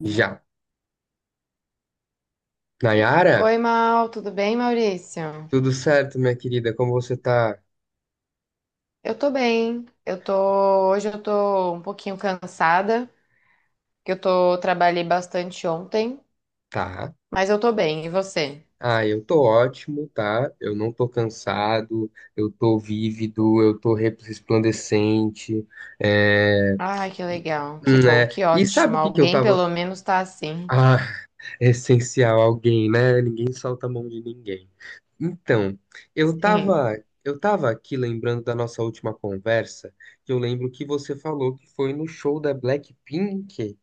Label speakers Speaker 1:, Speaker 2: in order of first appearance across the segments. Speaker 1: Já. Nayara,
Speaker 2: Oi, Mal, tudo bem, Maurício?
Speaker 1: tudo certo, minha querida? Como você tá?
Speaker 2: Eu tô bem. Hoje eu tô um pouquinho cansada, porque eu tô trabalhei bastante ontem,
Speaker 1: Tá.
Speaker 2: mas eu tô bem. E você?
Speaker 1: Ah, eu tô ótimo, tá? Eu não tô cansado, eu tô vívido, eu tô resplandecente, é...
Speaker 2: Ai, que
Speaker 1: E,
Speaker 2: legal. Que bom,
Speaker 1: né?
Speaker 2: que
Speaker 1: E sabe
Speaker 2: ótimo.
Speaker 1: o que que eu
Speaker 2: Alguém
Speaker 1: tava...
Speaker 2: pelo menos tá
Speaker 1: Ah,
Speaker 2: assim.
Speaker 1: é essencial alguém, né? Ninguém solta a mão de ninguém. Então, eu
Speaker 2: Sim.
Speaker 1: tava... Eu tava aqui lembrando da nossa última conversa, que eu lembro que você falou que foi no show da Blackpink.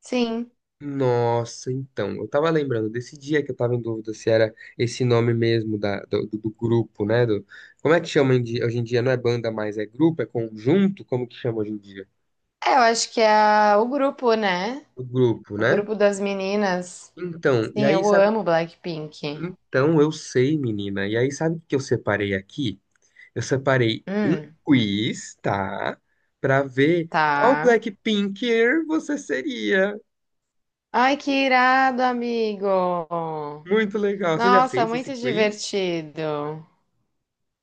Speaker 2: Sim.
Speaker 1: Nossa, então, eu tava lembrando desse dia que eu tava em dúvida se era esse nome mesmo do grupo, né? Do, como é que chama hoje em dia? Não é banda mais, é grupo, é conjunto? Como que chama hoje em dia?
Speaker 2: É, eu acho que é o grupo, né?
Speaker 1: O grupo,
Speaker 2: O
Speaker 1: né?
Speaker 2: grupo das meninas.
Speaker 1: Então, e
Speaker 2: Sim,
Speaker 1: aí
Speaker 2: eu
Speaker 1: sabe?
Speaker 2: amo Blackpink.
Speaker 1: Então, eu sei, menina. E aí sabe o que eu separei aqui? Eu separei um
Speaker 2: Hum,
Speaker 1: quiz, tá? Pra ver qual
Speaker 2: tá.
Speaker 1: Blackpinker você seria.
Speaker 2: Ai, que irado, amigo.
Speaker 1: Muito legal. Você já
Speaker 2: Nossa,
Speaker 1: fez esse
Speaker 2: muito
Speaker 1: quiz?
Speaker 2: divertido.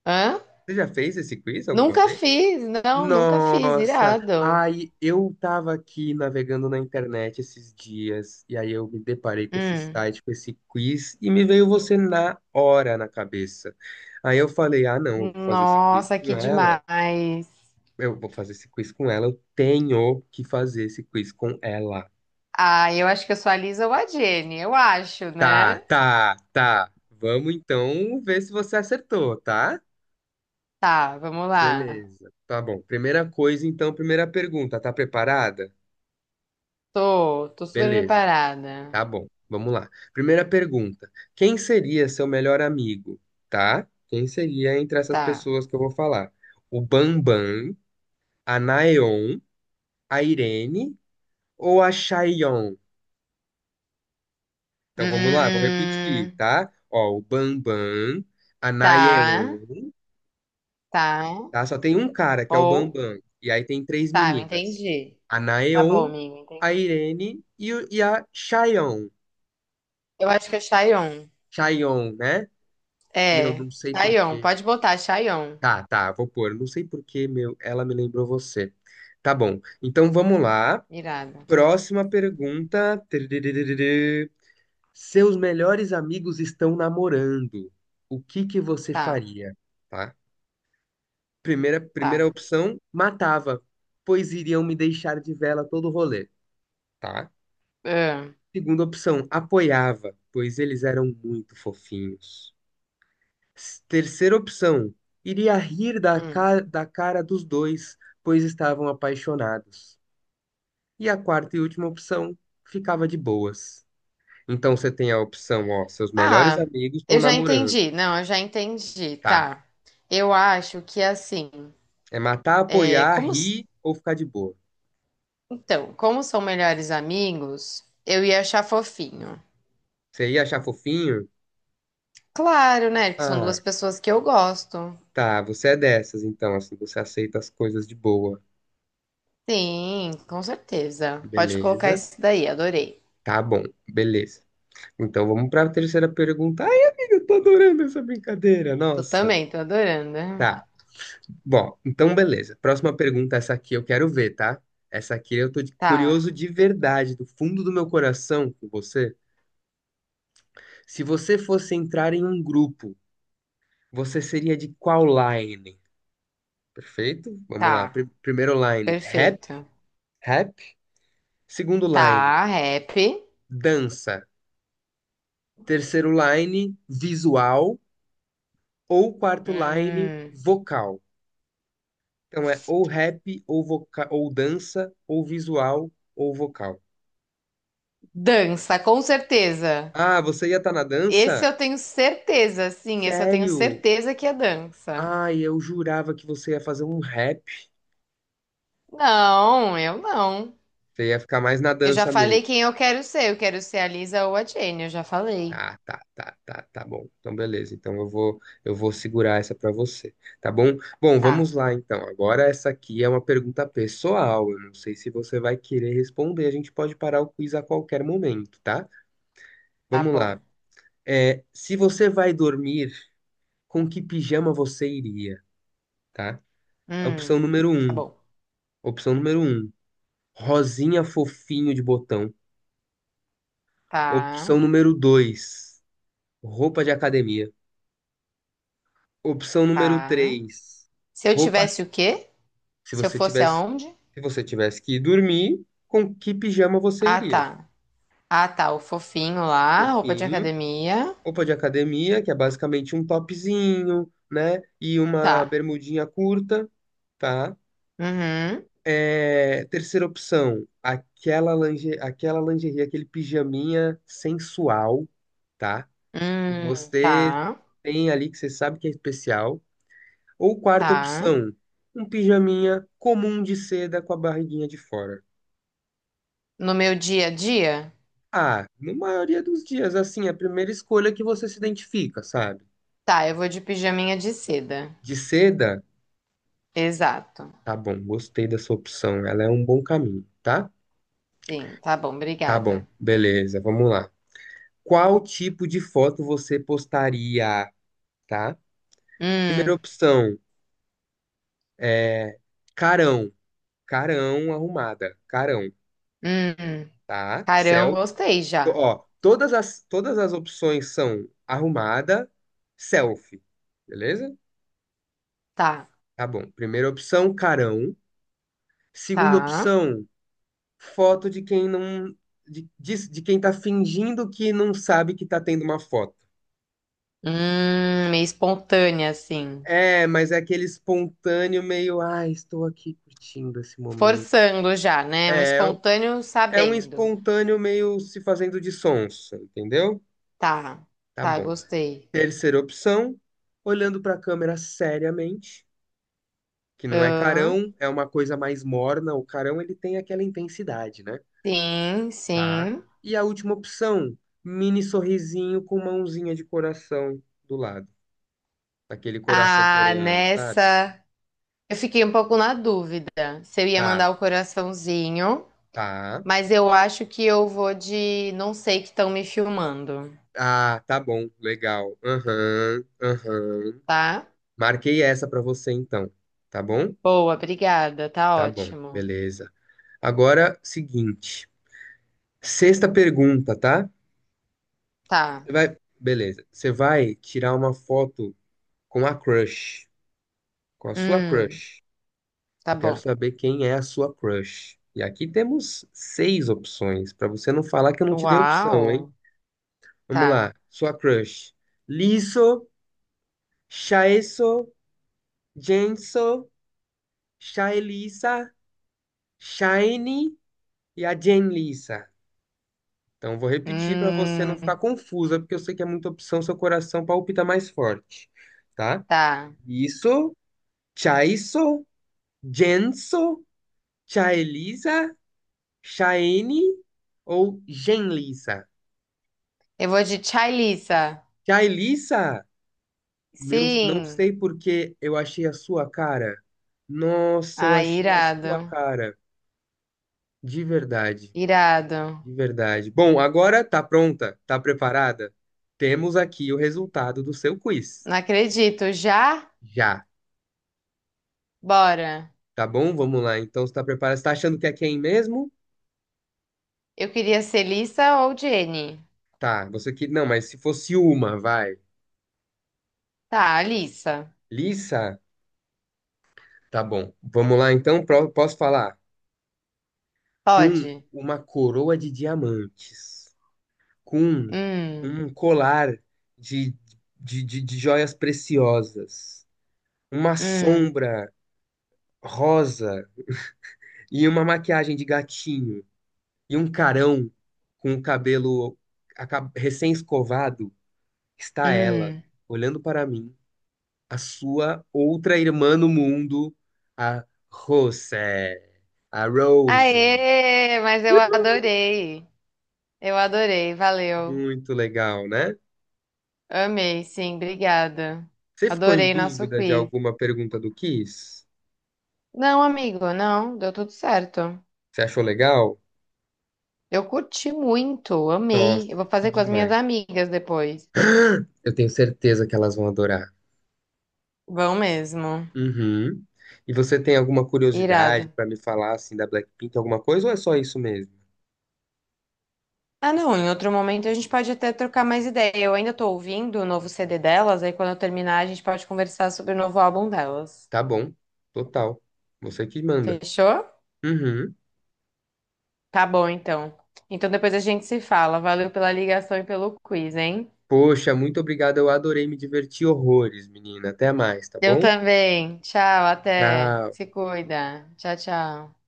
Speaker 2: Hã?
Speaker 1: Você já fez esse quiz alguma
Speaker 2: Nunca
Speaker 1: vez?
Speaker 2: fiz, não, nunca fiz,
Speaker 1: Nossa,
Speaker 2: irado.
Speaker 1: aí eu tava aqui navegando na internet esses dias e aí eu me deparei com esse
Speaker 2: Hum.
Speaker 1: site, com esse quiz e me veio você na hora na cabeça. Aí eu falei: "Ah, não, eu vou fazer esse quiz
Speaker 2: Nossa,
Speaker 1: com
Speaker 2: que
Speaker 1: ela.
Speaker 2: demais.
Speaker 1: Eu vou fazer esse quiz com ela, eu tenho que fazer esse quiz com ela."
Speaker 2: Ah, eu acho que eu sou a Lisa ou a Jenny, eu acho,
Speaker 1: Tá,
Speaker 2: né?
Speaker 1: tá, tá. Vamos então ver se você acertou, tá?
Speaker 2: Tá, vamos lá.
Speaker 1: Beleza. Tá bom. Primeira coisa, então, primeira pergunta, tá preparada?
Speaker 2: Tô, tô super
Speaker 1: Beleza.
Speaker 2: preparada.
Speaker 1: Tá bom, vamos lá. Primeira pergunta: quem seria seu melhor amigo? Tá? Quem seria entre essas
Speaker 2: Tá.
Speaker 1: pessoas que eu vou falar? O Bambam, a Naeon, a Irene ou a Chaeyoung? Então vamos lá, vou repetir,
Speaker 2: Hum,
Speaker 1: tá? Ó, o Bambam, a
Speaker 2: tá,
Speaker 1: Naeon,
Speaker 2: tá.
Speaker 1: tá? Só tem um cara que é o
Speaker 2: Ou,
Speaker 1: Bambam, e aí tem três
Speaker 2: tá, eu
Speaker 1: meninas:
Speaker 2: entendi.
Speaker 1: a
Speaker 2: Tá bom,
Speaker 1: Naeon,
Speaker 2: amigo,
Speaker 1: a
Speaker 2: entendi.
Speaker 1: Irene e a Chaeyoung.
Speaker 2: Eu acho que é Chayon.
Speaker 1: Chaeyoung, né? Meu,
Speaker 2: É,
Speaker 1: não sei
Speaker 2: Chayon,
Speaker 1: porquê.
Speaker 2: pode botar Chayon.
Speaker 1: Tá, tá, vou pôr. Não sei por que, meu, ela me lembrou você. Tá bom. Então vamos lá.
Speaker 2: Irado.
Speaker 1: Próxima pergunta. Tiriririririr. Seus melhores amigos estão namorando. O que que você
Speaker 2: Tá.
Speaker 1: faria? Tá? Primeira
Speaker 2: Tá.
Speaker 1: opção, matava, pois iriam me deixar de vela todo o rolê, tá?
Speaker 2: Ah,
Speaker 1: Segunda opção, apoiava, pois eles eram muito fofinhos. Terceira opção, iria rir
Speaker 2: hum.
Speaker 1: da cara dos dois, pois estavam apaixonados. E a quarta e última opção, ficava de boas. Então você tem a opção, ó, seus melhores
Speaker 2: Ah,
Speaker 1: amigos estão
Speaker 2: eu já
Speaker 1: namorando.
Speaker 2: entendi. Não, eu já entendi.
Speaker 1: Tá.
Speaker 2: Tá. Eu acho que assim,
Speaker 1: É matar,
Speaker 2: é,
Speaker 1: apoiar,
Speaker 2: como, s-
Speaker 1: rir ou ficar de boa.
Speaker 2: então, como são melhores amigos, eu ia achar fofinho.
Speaker 1: Você ia achar fofinho?
Speaker 2: Claro, né? Que são
Speaker 1: Ah,
Speaker 2: duas pessoas que eu gosto.
Speaker 1: tá, você é dessas, então, assim, você aceita as coisas de boa.
Speaker 2: Sim, com certeza. Pode colocar
Speaker 1: Beleza.
Speaker 2: isso daí, adorei.
Speaker 1: Tá bom, beleza. Então vamos para a terceira pergunta. Ai, amiga, eu tô adorando essa brincadeira.
Speaker 2: Tu
Speaker 1: Nossa.
Speaker 2: também, tô adorando.
Speaker 1: Tá. Bom, então beleza. Próxima pergunta, essa aqui eu quero ver, tá? Essa aqui eu tô
Speaker 2: Tá,
Speaker 1: curioso de verdade, do fundo do meu coração com você. Se você fosse entrar em um grupo, você seria de qual line? Perfeito? Vamos lá.
Speaker 2: tá,
Speaker 1: Primeiro line,
Speaker 2: perfeito.
Speaker 1: rap. Segundo line,
Speaker 2: Tá, rap.
Speaker 1: dança. Terceiro line, visual. Ou quarto line,
Speaker 2: Hum,
Speaker 1: vocal. Então é ou rap, ou dança, ou visual, ou vocal.
Speaker 2: dança, com certeza.
Speaker 1: Ah, você ia estar na dança?
Speaker 2: Esse eu tenho certeza, sim, esse eu tenho
Speaker 1: Sério?
Speaker 2: certeza que é dança.
Speaker 1: Ai, eu jurava que você ia fazer um rap.
Speaker 2: Não, eu não.
Speaker 1: Você ia ficar mais na
Speaker 2: Eu já
Speaker 1: dança
Speaker 2: falei
Speaker 1: mesmo.
Speaker 2: quem eu quero ser. Eu quero ser a Lisa ou a Jenny, eu já falei.
Speaker 1: Tá, tá, tá, tá, tá bom. Então, beleza. Então, eu vou segurar essa pra você, tá bom? Bom, vamos
Speaker 2: Tá,
Speaker 1: lá então. Agora essa aqui é uma pergunta pessoal. Eu não sei se você vai querer responder. A gente pode parar o quiz a qualquer momento, tá?
Speaker 2: tá
Speaker 1: Vamos
Speaker 2: bom.
Speaker 1: lá. É, se você vai dormir, com que pijama você iria, tá? Opção
Speaker 2: Hum,
Speaker 1: número
Speaker 2: tá
Speaker 1: um.
Speaker 2: bom.
Speaker 1: Opção número um. Rosinha fofinho de botão.
Speaker 2: Tá,
Speaker 1: Opção número 2, roupa de academia. Opção número
Speaker 2: tá.
Speaker 1: 3,
Speaker 2: Se eu tivesse
Speaker 1: roupas.
Speaker 2: o quê?
Speaker 1: Se
Speaker 2: Se eu
Speaker 1: você
Speaker 2: fosse
Speaker 1: tivesse,
Speaker 2: aonde?
Speaker 1: se você tivesse que ir dormir, com que pijama você
Speaker 2: Ah,
Speaker 1: iria?
Speaker 2: tá. Ah, tá, o fofinho lá, roupa de
Speaker 1: Fofinho,
Speaker 2: academia.
Speaker 1: roupa de academia, que é basicamente um topzinho, né? E uma
Speaker 2: Tá.
Speaker 1: bermudinha curta, tá?
Speaker 2: Uhum.
Speaker 1: É, terceira opção, aquela lingerie, aquele pijaminha sensual, tá? Que
Speaker 2: Tá,
Speaker 1: você tem ali que você sabe que é especial. Ou quarta
Speaker 2: tá.
Speaker 1: opção, um pijaminha comum de seda com a barriguinha de fora.
Speaker 2: No meu dia a dia?
Speaker 1: Ah, na maioria dos dias, assim, é a primeira escolha que você se identifica, sabe?
Speaker 2: Tá, eu vou de pijaminha de seda.
Speaker 1: De seda,
Speaker 2: Exato.
Speaker 1: tá bom, gostei da sua opção, ela é um bom caminho, tá?
Speaker 2: Sim, tá bom,
Speaker 1: Tá
Speaker 2: obrigada.
Speaker 1: bom, beleza, vamos lá. Qual tipo de foto você postaria, tá? Primeira
Speaker 2: Hum,
Speaker 1: opção é carão, carão,
Speaker 2: hum.
Speaker 1: tá?
Speaker 2: Carão,
Speaker 1: Selfie.
Speaker 2: gostei já.
Speaker 1: Ó, todas as opções são arrumada, selfie, beleza?
Speaker 2: Tá,
Speaker 1: Tá bom. Primeira opção, carão. Segunda
Speaker 2: tá.
Speaker 1: opção, foto de quem não. De, de quem tá fingindo que não sabe que tá tendo uma foto.
Speaker 2: Meio espontânea, assim.
Speaker 1: É, mas é aquele espontâneo meio, ah, estou aqui curtindo esse momento.
Speaker 2: Forçando já, né? Um
Speaker 1: É,
Speaker 2: espontâneo
Speaker 1: é um
Speaker 2: sabendo.
Speaker 1: espontâneo meio se fazendo de sonso, entendeu?
Speaker 2: Tá,
Speaker 1: Tá
Speaker 2: tá,
Speaker 1: bom.
Speaker 2: gostei.
Speaker 1: Terceira opção, olhando pra câmera seriamente, que não é
Speaker 2: Hã?
Speaker 1: carão, é uma coisa mais morna. O carão ele tem aquela intensidade, né?
Speaker 2: Sim,
Speaker 1: Tá.
Speaker 2: sim.
Speaker 1: E a última opção, mini sorrisinho com mãozinha de coração do lado, aquele coração
Speaker 2: Ah,
Speaker 1: coreano, sabe?
Speaker 2: nessa. Eu fiquei um pouco na dúvida se eu ia
Speaker 1: Tá,
Speaker 2: mandar o coraçãozinho,
Speaker 1: tá.
Speaker 2: mas eu acho que eu vou de não sei que estão me filmando,
Speaker 1: Ah, tá bom, legal. Aham, aham.
Speaker 2: tá?
Speaker 1: Marquei essa pra você então, tá bom?
Speaker 2: Boa, obrigada. Tá
Speaker 1: Tá bom,
Speaker 2: ótimo.
Speaker 1: beleza. Agora, seguinte, sexta pergunta, tá?
Speaker 2: Tá.
Speaker 1: Beleza. Você vai tirar uma foto com a crush. Com a sua
Speaker 2: Hum,
Speaker 1: crush.
Speaker 2: tá
Speaker 1: Eu quero
Speaker 2: bom.
Speaker 1: saber quem é a sua crush. E aqui temos seis opções, para você não falar que eu não te dei opção, hein?
Speaker 2: Uau.
Speaker 1: Vamos
Speaker 2: Tá.
Speaker 1: lá. Sua crush. Liso, Shaeso, Jenso, Shaelisa, Shine e a Jenlisa. Então, vou repetir para você não
Speaker 2: Hum,
Speaker 1: ficar confusa, porque eu sei que é muita opção, seu coração palpita mais forte, tá?
Speaker 2: tá.
Speaker 1: Isso, Chaiso, Jenso, Chaelisa, Chaene ou Genlissa?
Speaker 2: Eu vou de Tchailissa.
Speaker 1: Jailissa, meu, não
Speaker 2: Sim.
Speaker 1: sei porque eu achei a sua cara. Nossa, eu
Speaker 2: Ah,
Speaker 1: achei a sua
Speaker 2: irado.
Speaker 1: cara. De verdade,
Speaker 2: Irado.
Speaker 1: de verdade. Bom, agora tá pronta? Tá preparada? Temos aqui o resultado do seu quiz.
Speaker 2: Não acredito. Já?
Speaker 1: Já,
Speaker 2: Bora.
Speaker 1: tá bom? Vamos lá. Então, você tá preparada? Você tá achando que é quem mesmo?
Speaker 2: Eu queria ser Lissa ou Jenny.
Speaker 1: Tá, você que... Não, mas se fosse uma, vai.
Speaker 2: Tá, Lissa.
Speaker 1: Lissa? Tá bom. Vamos lá, então. Posso falar? Com
Speaker 2: Pode.
Speaker 1: uma coroa de diamantes, com
Speaker 2: Hum,
Speaker 1: um colar de, de joias preciosas, uma
Speaker 2: hum,
Speaker 1: sombra rosa e uma maquiagem de gatinho, e um carão com o cabelo recém-escovado, está ela,
Speaker 2: hum.
Speaker 1: olhando para mim, a sua outra irmã no mundo, a Rose, a Rose.
Speaker 2: Aê, mas eu adorei. Eu adorei. Valeu.
Speaker 1: Muito legal, né?
Speaker 2: Amei, sim, obrigada.
Speaker 1: Você ficou em
Speaker 2: Adorei nosso
Speaker 1: dúvida de
Speaker 2: quiz.
Speaker 1: alguma pergunta do Kiss?
Speaker 2: Não, amigo, não, deu tudo certo.
Speaker 1: Você achou legal?
Speaker 2: Eu curti muito,
Speaker 1: Nossa,
Speaker 2: amei. Eu vou
Speaker 1: que
Speaker 2: fazer com as minhas
Speaker 1: demais.
Speaker 2: amigas depois.
Speaker 1: Eu tenho certeza que elas vão adorar.
Speaker 2: Vão mesmo.
Speaker 1: Uhum. E você tem alguma curiosidade
Speaker 2: Irado.
Speaker 1: pra me falar assim da Blackpink, alguma coisa ou é só isso mesmo?
Speaker 2: Ah, não, em outro momento a gente pode até trocar mais ideia. Eu ainda tô ouvindo o novo CD delas, aí quando eu terminar a gente pode conversar sobre o novo álbum delas.
Speaker 1: Tá bom, total. Você que manda.
Speaker 2: Fechou?
Speaker 1: Uhum.
Speaker 2: Tá bom, então. Então depois a gente se fala. Valeu pela ligação e pelo quiz, hein?
Speaker 1: Poxa, muito obrigado. Eu adorei, me diverti horrores, menina. Até mais, tá
Speaker 2: Eu
Speaker 1: bom?
Speaker 2: também. Tchau, até.
Speaker 1: Tchau.
Speaker 2: Se cuida. Tchau, tchau.